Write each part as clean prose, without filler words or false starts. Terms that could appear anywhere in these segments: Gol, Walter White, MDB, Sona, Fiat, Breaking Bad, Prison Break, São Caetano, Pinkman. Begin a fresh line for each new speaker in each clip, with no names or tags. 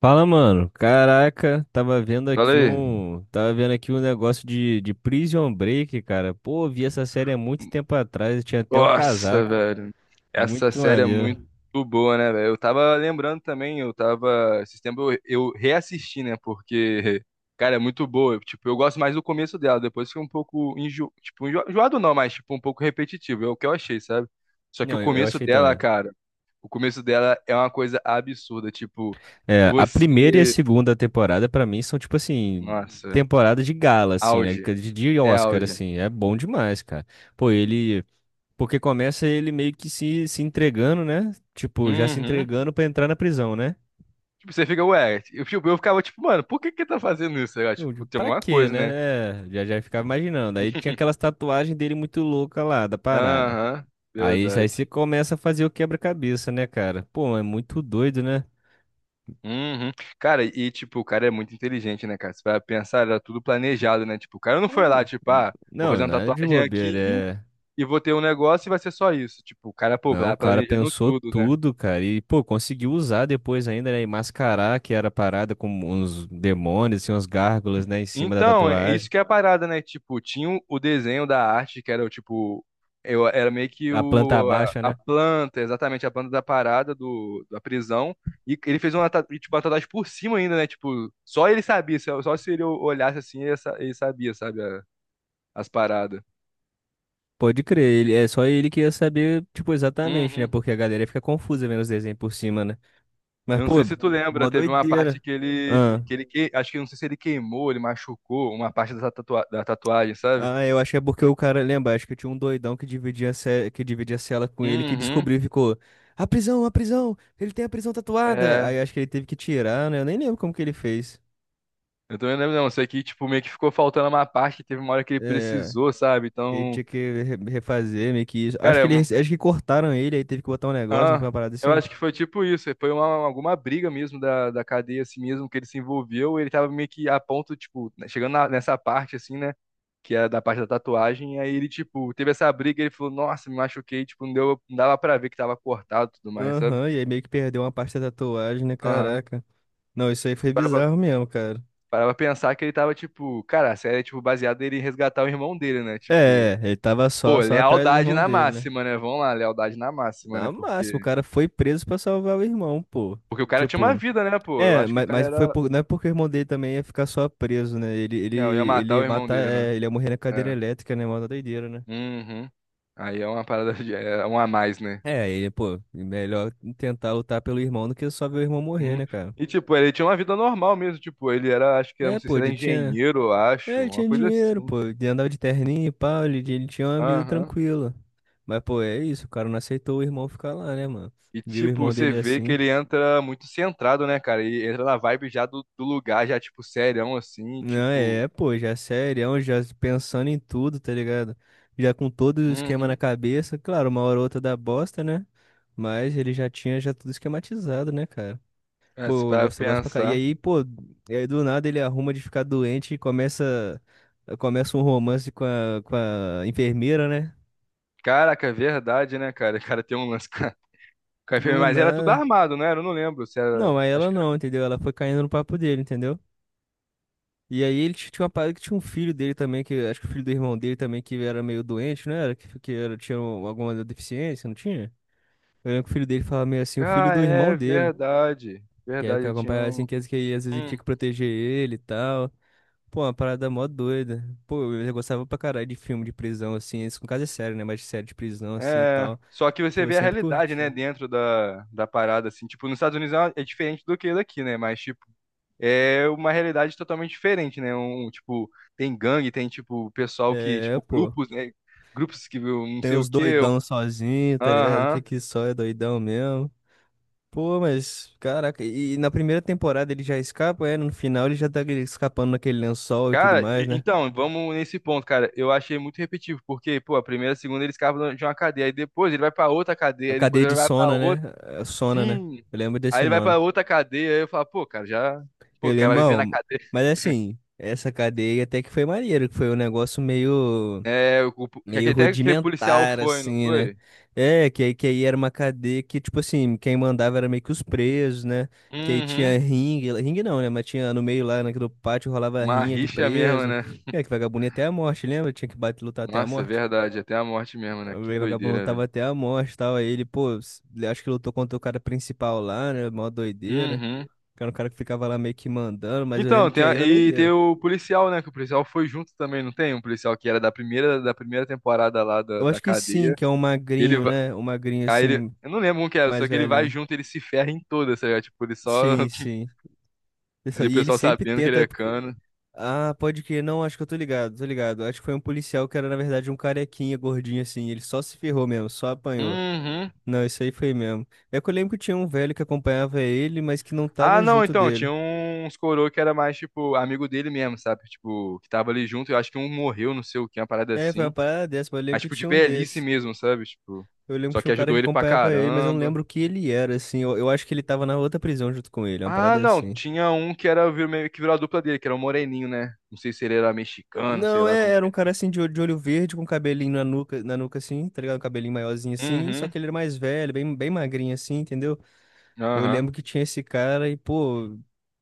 Fala, mano. Caraca,
Fala aí.
tava vendo aqui um negócio de Prison Break, cara. Pô, vi essa série há muito tempo atrás, eu tinha até o
Nossa,
casaco.
velho. Essa
Muito
série é
maneiro.
muito boa, né, velho? Eu tava lembrando também, eu tava. Esse tempo eu reassisti, né? Porque, cara, é muito boa. Tipo, eu gosto mais do começo dela, depois fica um pouco enjoado não, mas tipo, um pouco repetitivo. É o que eu achei, sabe? Só que o
Não, eu
começo
achei
dela,
também.
cara, o começo dela é uma coisa absurda. Tipo,
É, a primeira e a
você.
segunda temporada pra mim são tipo assim,
Nossa,
temporada de gala assim, né?
auge.
De
É
Oscar
auge.
assim, é bom demais, cara. Pô, ele porque começa ele meio que se entregando, né? Tipo, já se
Uhum.
entregando pra entrar na prisão, né?
Tipo, você fica, ué, eu, tipo, eu ficava tipo, mano, por que que tá fazendo isso? Sei lá,
Eu
tipo,
digo,
tem
pra
alguma
quê,
coisa,
né?
né?
É, já ficava imaginando. Aí tinha aquelas tatuagens dele muito louca lá, da parada.
Aham,
Aí
verdade.
você começa a fazer o quebra-cabeça, né, cara? Pô, é muito doido, né?
Uhum. Cara, e tipo, o cara é muito inteligente, né, cara? Você vai pensar, era tudo planejado, né? Tipo, o cara não foi lá,
Pô,
tipo, ah, vou
não,
fazer uma
não é de
tatuagem
bobeira,
aqui
é...
e vou ter um negócio e vai ser só isso. Tipo, o cara, pô,
Não, o
tá
cara
planejando
pensou
tudo, né?
tudo, cara. E, pô, conseguiu usar depois ainda, né? E mascarar que era a parada com uns demônios, assim, uns gárgulas, né? Em cima da
Então, é
tatuagem.
isso que é a parada, né? Tipo, tinha o desenho da arte, que era o tipo. Eu, era meio que
A planta
o,
baixa,
a
né?
planta, exatamente, a planta da parada do, da prisão. E ele fez uma, tipo, uma tatuagem por cima ainda, né? Tipo, só ele sabia, só, só se ele olhasse assim, ele, ele sabia, sabe? As paradas.
Pode crer,
Porque-
ele, é só ele que ia saber, tipo, exatamente, né?
Uhum.
Porque a galera fica confusa vendo os desenhos por cima, né? Mas,
Eu não
pô,
sei se tu lembra,
mó
teve uma parte
doideira.
que ele,
Ah.
acho que eu não sei se ele queimou, ele machucou uma parte dessa tatuagem, sabe?
Ah, eu acho que é porque o cara, lembra, acho que tinha um doidão que dividia, que dividia a cela com ele que
Uhum.
descobriu e ficou, a prisão, ele tem a prisão tatuada.
É.
Aí acho que ele teve que tirar, né? Eu nem lembro como que ele fez.
Eu também não lembro, não. Isso aqui, tipo, meio que ficou faltando uma parte, teve uma hora que ele
É,
precisou, sabe?
ele
Então,
tinha que refazer meio que isso. Acho
cara, é
que ele,
uma-
acho que cortaram ele, aí teve que botar um negócio, não foi
ah,
uma parada
eu
assim?
acho que foi tipo isso. Foi uma, alguma briga mesmo da, da cadeia, assim mesmo, que ele se envolveu. Ele tava meio que a ponto, tipo, né, chegando nessa parte, assim, né? Que era da parte da tatuagem. Aí ele, tipo, teve essa briga e ele falou, nossa, me machuquei. Tipo, não, deu, não dava pra ver que tava cortado e tudo mais, sabe?
Aham, e aí meio que perdeu uma parte da tatuagem, né?
Aham.
Caraca. Não, isso aí foi
Parava,
bizarro mesmo, cara.
parava pensar que ele tava, tipo, cara, a série é, tipo, baseada ele resgatar o irmão dele, né? Tipo.
É, ele tava
Pô,
só, atrás do
lealdade
irmão
na
dele, né?
máxima, né? Vamos lá, lealdade na máxima, né?
Na
Porque,
máxima, o cara foi preso pra salvar o irmão, pô.
porque o cara tinha uma
Tipo,
vida, né, pô? Eu
é,
acho que o
mas,
cara
mas foi
era.
por, não é porque o irmão dele também ia ficar só preso, né? Ele, ele,
Não, ia
ele
matar o
ia
irmão
matar,
dele, né?
é, ele ia morrer na cadeira
É.
elétrica, né? Mó da doideira, né?
Uhum. Aí é uma parada de. É um a mais, né?
É, ele, pô, melhor tentar lutar pelo irmão do que só ver o irmão morrer,
Uhum.
né, cara?
E, tipo, ele tinha uma vida normal mesmo. Tipo, ele era, acho que, não
É,
sei
pô,
se era
ele tinha.
engenheiro, eu acho.
É, ele
Uma
tinha
coisa
dinheiro,
assim.
pô. Ele andava de terninho e pau, ele, tinha uma vida
Aham.
tranquila. Mas, pô, é isso, o cara não aceitou o irmão ficar lá, né, mano?
E,
Viu o
tipo,
irmão
você
dele
vê que
assim.
ele entra muito centrado, né, cara? E entra na vibe já do, do lugar, já, tipo, serião, assim,
Não,
tipo.
é, pô, já é serião, já pensando em tudo, tá ligado? Já com todo o esquema na
Uhum.
cabeça, claro, uma hora ou outra dá bosta, né? Mas ele já tinha já tudo esquematizado, né, cara?
É, se
Pô, eu
parar
gosto, eu
pra
gosto pra cá. E
pensar.
aí, pô, e aí do nada ele arruma de ficar doente e começa, um romance com a enfermeira, né?
Caraca, é verdade, né, cara? O cara tem um lance. Enfermeira.
Do
Mas era tudo
nada.
armado, né? Eu não lembro se
Não,
era.
mas
Acho
ela
que era.
não, entendeu? Ela foi caindo no papo dele, entendeu? E aí ele tinha uma parada que tinha um filho dele também, que acho que o filho do irmão dele também, que era meio doente, não era? Que, era, tinha alguma deficiência, não tinha? Eu lembro que o filho dele falava meio assim, o filho
Ah,
do irmão
é
dele,
verdade.
que é que
Verdade, tinha
acompanhava
um.
assim, que, aí às vezes ele tinha
Hum.
que proteger ele e tal. Pô, uma parada mó doida. Pô, eu gostava pra caralho de filme de prisão, assim, isso com caso é sério, né? Mas de série de prisão, assim e
É.
tal.
Só que você
Pô, eu
vê a
sempre
realidade, né,
curti.
dentro da, da parada, assim. Tipo, nos Estados Unidos é uma- é diferente do que daqui, né? Mas, tipo, é uma realidade totalmente diferente, né? Um, tipo, tem gangue, tem, tipo, pessoal que,
É,
tipo,
pô.
grupos, né? Grupos que viu não
Tem
sei o
os
quê. Um,
doidão sozinho, tá ligado?
Aham.
Que só é doidão mesmo. Pô, mas, caraca, e na primeira temporada ele já escapa, é? No final ele já tá ali escapando naquele lençol e tudo
Cara,
mais, né?
então, vamos nesse ponto, cara. Eu achei muito repetitivo, porque, pô, a primeira, a segunda ele escapa de uma cadeia, aí depois ele vai pra outra
A
cadeia, aí depois
cadeia
ele
de
vai pra
Sona,
outra.
né? É, Sona, né?
Sim.
Eu lembro
Aí
desse
ele vai
nome.
pra outra cadeia, aí eu falo, pô, cara, já. Pô, o
Eu
cara
lembro,
vai viver na
bom,
cadeia.
mas assim, essa cadeia até que foi maneiro, que foi um negócio meio.
É, que
meio
até aquele policial
rudimentar,
foi, não
assim, né?
foi?
É, que aí era uma cadeia que, tipo assim, quem mandava era meio que os presos, né? Que aí tinha
Uhum.
ringue, ringue não, né? Mas tinha no meio lá, naquele pátio, rolava
Uma
rinha de
rixa mesmo,
preso.
né?
É, que vagabundo ia até a morte, lembra? Tinha que bater, lutar até a
Nossa,
morte.
verdade, até a morte mesmo, né?
O
Que
vagabundo
doideira,
lutava
velho.
até a morte e tal. Aí ele, pô, ele acho que lutou contra o cara principal lá, né? Mó doideira.
Uhum.
Que era um cara que ficava lá meio que mandando, mas eu
Então,
lembro que
tem
aí
a-
era
e tem
doideira.
o policial, né? Que o policial foi junto também, não tem? Um policial que era da primeira temporada lá da,
Eu
da
acho que sim,
cadeia.
que é um
Ele
magrinho,
vai.
né? Um magrinho
Aí ele.
assim,
Eu não lembro como que era, só
mais
que ele vai
velhinho.
junto, ele se ferra em todas, sabe? Tipo, ele só.
Sim, sim.
E
Pessoal,
o
e ele
pessoal
sempre
sabendo que ele é
tenta.
cano.
Ah, pode que não, acho que eu tô ligado, tô ligado. Acho que foi um policial que era, na verdade, um carequinha gordinho assim. Ele só se ferrou mesmo, só apanhou.
Uhum.
Não, isso aí foi mesmo. É que eu lembro que tinha um velho que acompanhava ele, mas que não
Ah,
tava
não,
junto
então, tinha
dele.
uns coroa que era mais, tipo, amigo dele mesmo, sabe? Tipo, que tava ali junto, eu acho que um morreu, não sei o que, uma parada
É, foi uma
assim.
parada dessa, mas eu lembro
Mas,
que
tipo, de
tinha um
velhice
desse.
mesmo, sabe? Tipo,
Eu lembro que
só
tinha
que
um cara que
ajudou ele pra
acompanhava ele, mas eu não
caramba.
lembro o que ele era, assim. Eu acho que ele tava na outra prisão junto com ele, uma
Ah,
parada
não,
assim.
tinha um que era virou meio que virou a dupla dele, que era o Moreninho, né? Não sei se ele era mexicano, sei
Não,
lá como
era
que
um cara
era.
assim de olho verde, com cabelinho na nuca assim, tá ligado? Um cabelinho maiorzinho assim, só
Uhum,
que ele era mais velho, bem, bem magrinho assim, entendeu? Eu
aham.
lembro que tinha esse cara e, pô,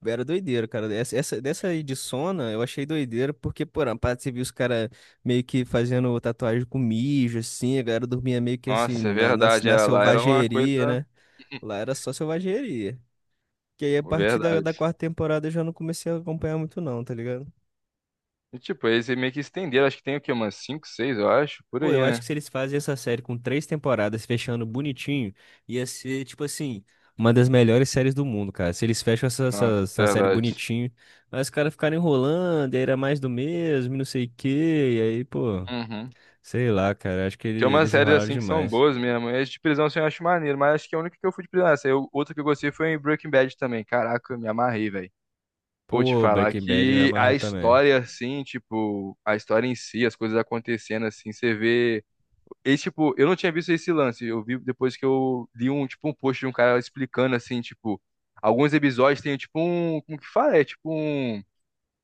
era doideira, cara. Dessa aí de Sona eu achei doideira, porque, pô, na parte você viu os caras meio que fazendo tatuagem com mijo, assim, a galera dormia meio que assim,
Nossa, é
na, na,
verdade,
na
era lá, era uma
selvageria,
coisa.
né? Lá era só selvageria. Que aí a partir da
Verdade.
quarta temporada eu já não comecei a acompanhar muito, não, tá ligado?
E, tipo, eles meio que estenderam, acho que tem o quê? Umas 5 6 eu acho, por
Pô,
aí,
eu acho que
né?
se eles fazem essa série com três temporadas fechando bonitinho, ia ser, tipo assim, uma das melhores séries do mundo, cara. Se eles fecham essa, essa,
Nossa,
essa série
verdade.
bonitinho, mas os caras ficaram enrolando, e aí era mais do mesmo, e não sei o quê, e aí, pô,
Uhum.
sei lá, cara. Acho que
Tem
eles,
umas
eles
séries
enrolaram
assim que são
demais.
boas mesmo. Esse de prisão assim, eu acho maneiro, mas acho que a única que eu fui de prisão. Essa, eu, outra que eu gostei foi em Breaking Bad também. Caraca, eu me amarrei, velho. Pô, te
Pô,
falar
Breaking Bad me
que a
amarra também.
história, assim, tipo, a história em si, as coisas acontecendo, assim, você vê. E, tipo, eu não tinha visto esse lance. Eu vi depois que eu li um, tipo, um post de um cara explicando, assim, tipo, alguns episódios tem, tipo, um, como que fala? É, tipo, um,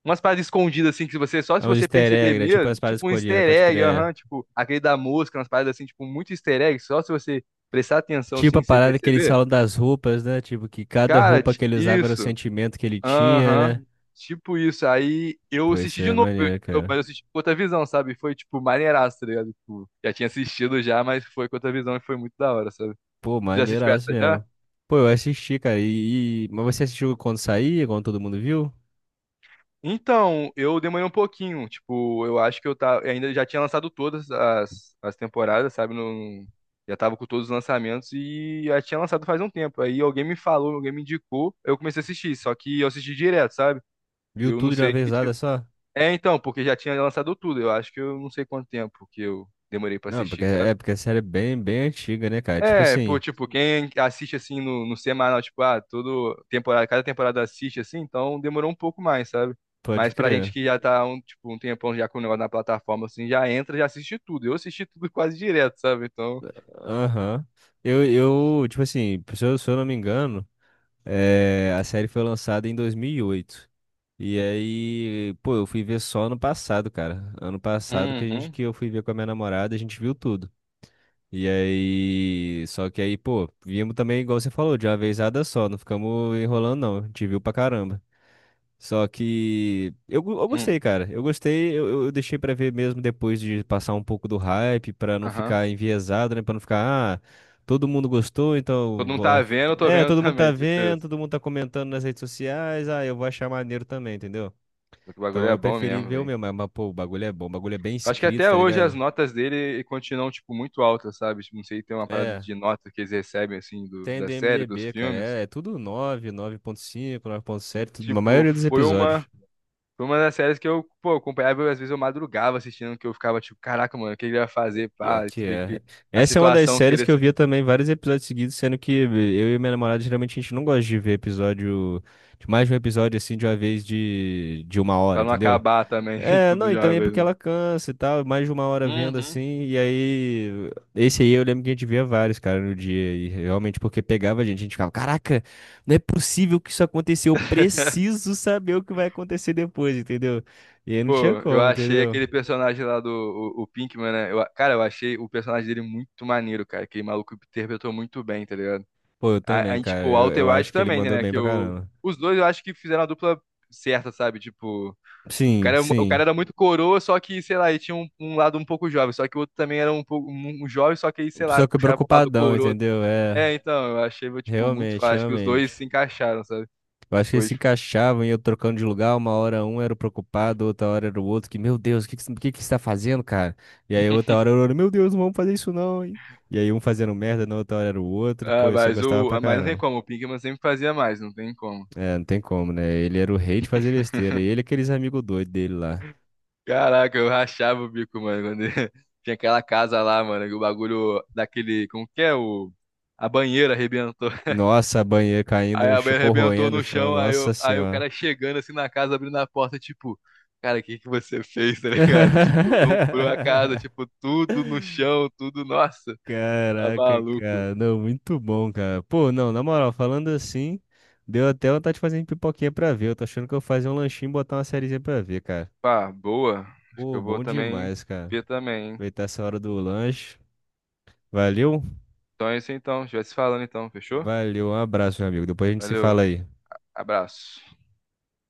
umas paradas escondidas, assim, que você, só
É
se
um
você
easter
perceber
egg, né? Tipo
mesmo,
as paradas
tipo, um
escondidas,
easter
pode
egg,
crer.
aham, tipo, aquele da mosca, umas paradas, assim, tipo, muito easter egg, só se você prestar atenção,
Tipo a
assim, você
parada que eles
perceber.
falam das roupas, né? Tipo, que cada
Cara,
roupa que ele usava era o
isso.
sentimento que ele tinha, né?
Aham. Tipo isso. Aí eu
Pô,
assisti
isso
de
é
novo,
maneiro, cara.
mas eu assisti com outra visão, sabe? Foi, tipo, maneiraço, tá ligado? Tipo, já tinha assistido já, mas foi com outra visão e foi muito da hora, sabe?
Pô,
Tu já assistiu
maneiraço
essa já?
mesmo. Pô, eu assisti, cara. Mas você assistiu quando saía, quando todo mundo viu?
Então, eu demorei um pouquinho. Tipo, eu acho que eu tava. Ainda já tinha lançado todas as, as temporadas, sabe? No, já tava com todos os lançamentos e já tinha lançado faz um tempo. Aí alguém me falou, alguém me indicou, eu comecei a assistir. Só que eu assisti direto, sabe?
Viu
Eu não
tudo de uma
sei.
vezada só?
É, então, porque já tinha lançado tudo. Eu acho que eu não sei quanto tempo que eu demorei pra
Não,
assistir, sabe?
porque a série é bem, bem antiga, né, cara? Tipo
É, pô,
assim,
tipo, quem assiste assim no, no semanal, tipo, ah, todo temporada, cada temporada assiste assim, então demorou um pouco mais, sabe?
pode
Mas pra gente
crer.
que já tá um, tipo, um tempão já com o negócio na plataforma, assim, já entra, já assiste tudo. Eu assisti tudo quase direto, sabe? Então.
Aham. Eu, eu, tipo assim, se eu não me engano, é, a série foi lançada em 2008. E aí, pô, eu fui ver só ano passado, cara. Ano passado que a gente
Uhum.
que eu fui ver com a minha namorada, a gente viu tudo. E aí, só que aí, pô, viemos também, igual você falou, de uma vezada só, não ficamos enrolando, não. A gente viu pra caramba. Só que eu, eu
Uhum.
gostei, cara. Eu gostei, eu deixei pra ver mesmo depois de passar um pouco do hype, pra não
Aham.
ficar enviesado, né? Pra não ficar, ah, todo mundo gostou, então.
Todo
eu
mundo tá
Vou...
vendo, eu tô
É,
vendo
todo mundo tá
também, tipo
vendo,
isso.
todo mundo tá comentando nas redes sociais, ah, eu vou achar maneiro também, entendeu?
O bagulho
Então
é
eu
bom
preferi
mesmo,
ver o
velho.
meu, mas, pô, o bagulho é bom, o bagulho é bem
Acho que
escrito,
até
tá
hoje as
ligado?
notas dele continuam, tipo, muito altas, sabe? Tipo, não sei, tem uma parada
É.
de nota que eles recebem, assim, do,
Tem do
da série, dos
MDB, cara.
filmes.
É, tudo 9, 9.5,
E,
9.7, a
tipo,
maioria dos episódios.
foi uma das séries que eu, pô, acompanhava, eu, às vezes eu madrugava assistindo, que eu ficava, tipo, caraca, mano, o que ele vai fazer,
Pior
pá, isso
que é.
a
Essa é uma das
situação que
séries
ele...
que eu via também vários episódios seguidos, sendo que eu e minha namorada geralmente a gente não gosta de ver episódio, de mais de um episódio assim de uma vez de uma hora,
Pra não
entendeu?
acabar também,
É,
tudo
não, e
de uma
também
vez,
porque
né?
ela cansa e tal, mais de uma hora vendo
Uhum.
assim, e aí, esse aí eu lembro que a gente via vários, cara, no dia, e realmente porque pegava a gente ficava, caraca, não é possível que isso aconteceu, eu preciso saber o que vai acontecer depois, entendeu? E aí não tinha
Pô, eu
como,
achei
entendeu?
aquele personagem lá do o Pinkman, né? Cara, eu achei o personagem dele muito maneiro, cara. Aquele maluco interpretou muito bem, tá ligado?
Pô, eu também, cara,
Tipo, o
eu,
Walter
eu
White
acho que ele
também,
mandou
né?
bem
Que
pra
eu,
caramba.
os dois eu acho que fizeram a dupla certa, sabe? Tipo,
Sim,
o cara
sim,
era muito coroa, só que, sei lá, ele tinha um, um lado um pouco jovem. Só que o outro também era um pouco um, um jovem, só que aí, sei lá,
só que
puxava pro lado
preocupadão,
coroa.
entendeu? É,
É, então, eu achei, tipo, muito
realmente,
fácil. Acho que os dois
realmente.
se encaixaram, sabe?
Eu acho que eles
Foi,
se
tipo,
encaixavam, e eu trocando de lugar, uma hora um era o preocupado, outra hora era o outro, que, meu Deus, o que que você tá fazendo, cara? E aí outra hora era o outro, meu Deus, não vamos fazer isso não, hein? E aí um fazendo merda, na outra hora era o outro, pô, isso eu gostava pra
Mas não tem
caramba.
como, o Pinkman sempre fazia mais, não tem como.
É, não tem como, né? Ele era o rei de fazer besteira, e ele e aqueles amigos doidos dele lá.
Caraca, eu rachava o bico, mano. Quando ele- tinha aquela casa lá, mano, que o bagulho daquele. Como que é? O. A banheira arrebentou.
Nossa, banheiro caindo
Aí
no
a mãe
chão,
arrebentou
corroendo no
no
chão,
chão, aí,
nossa
eu, aí o
senhora.
cara chegando assim na casa, abrindo a porta, tipo, cara, o que que você fez, tá ligado? Tipo, lombrou a casa, tipo, tudo no chão, tudo, nossa, tá
Caraca,
maluco.
cara. Não, muito bom, cara. Pô, não, na moral, falando assim, deu até vontade de fazer uma pipoquinha pra ver. Eu tô achando que eu vou fazer um lanchinho e botar uma sériezinha pra ver, cara.
Pá, boa. Acho que
Pô,
eu vou
bom
também
demais, cara.
ver também, hein?
Aproveitar essa hora do lanche. Valeu?
Então é isso então, a gente vai se falando então, fechou?
Valeu, um abraço, meu amigo. Depois a gente se fala
Valeu,
aí.
abraço.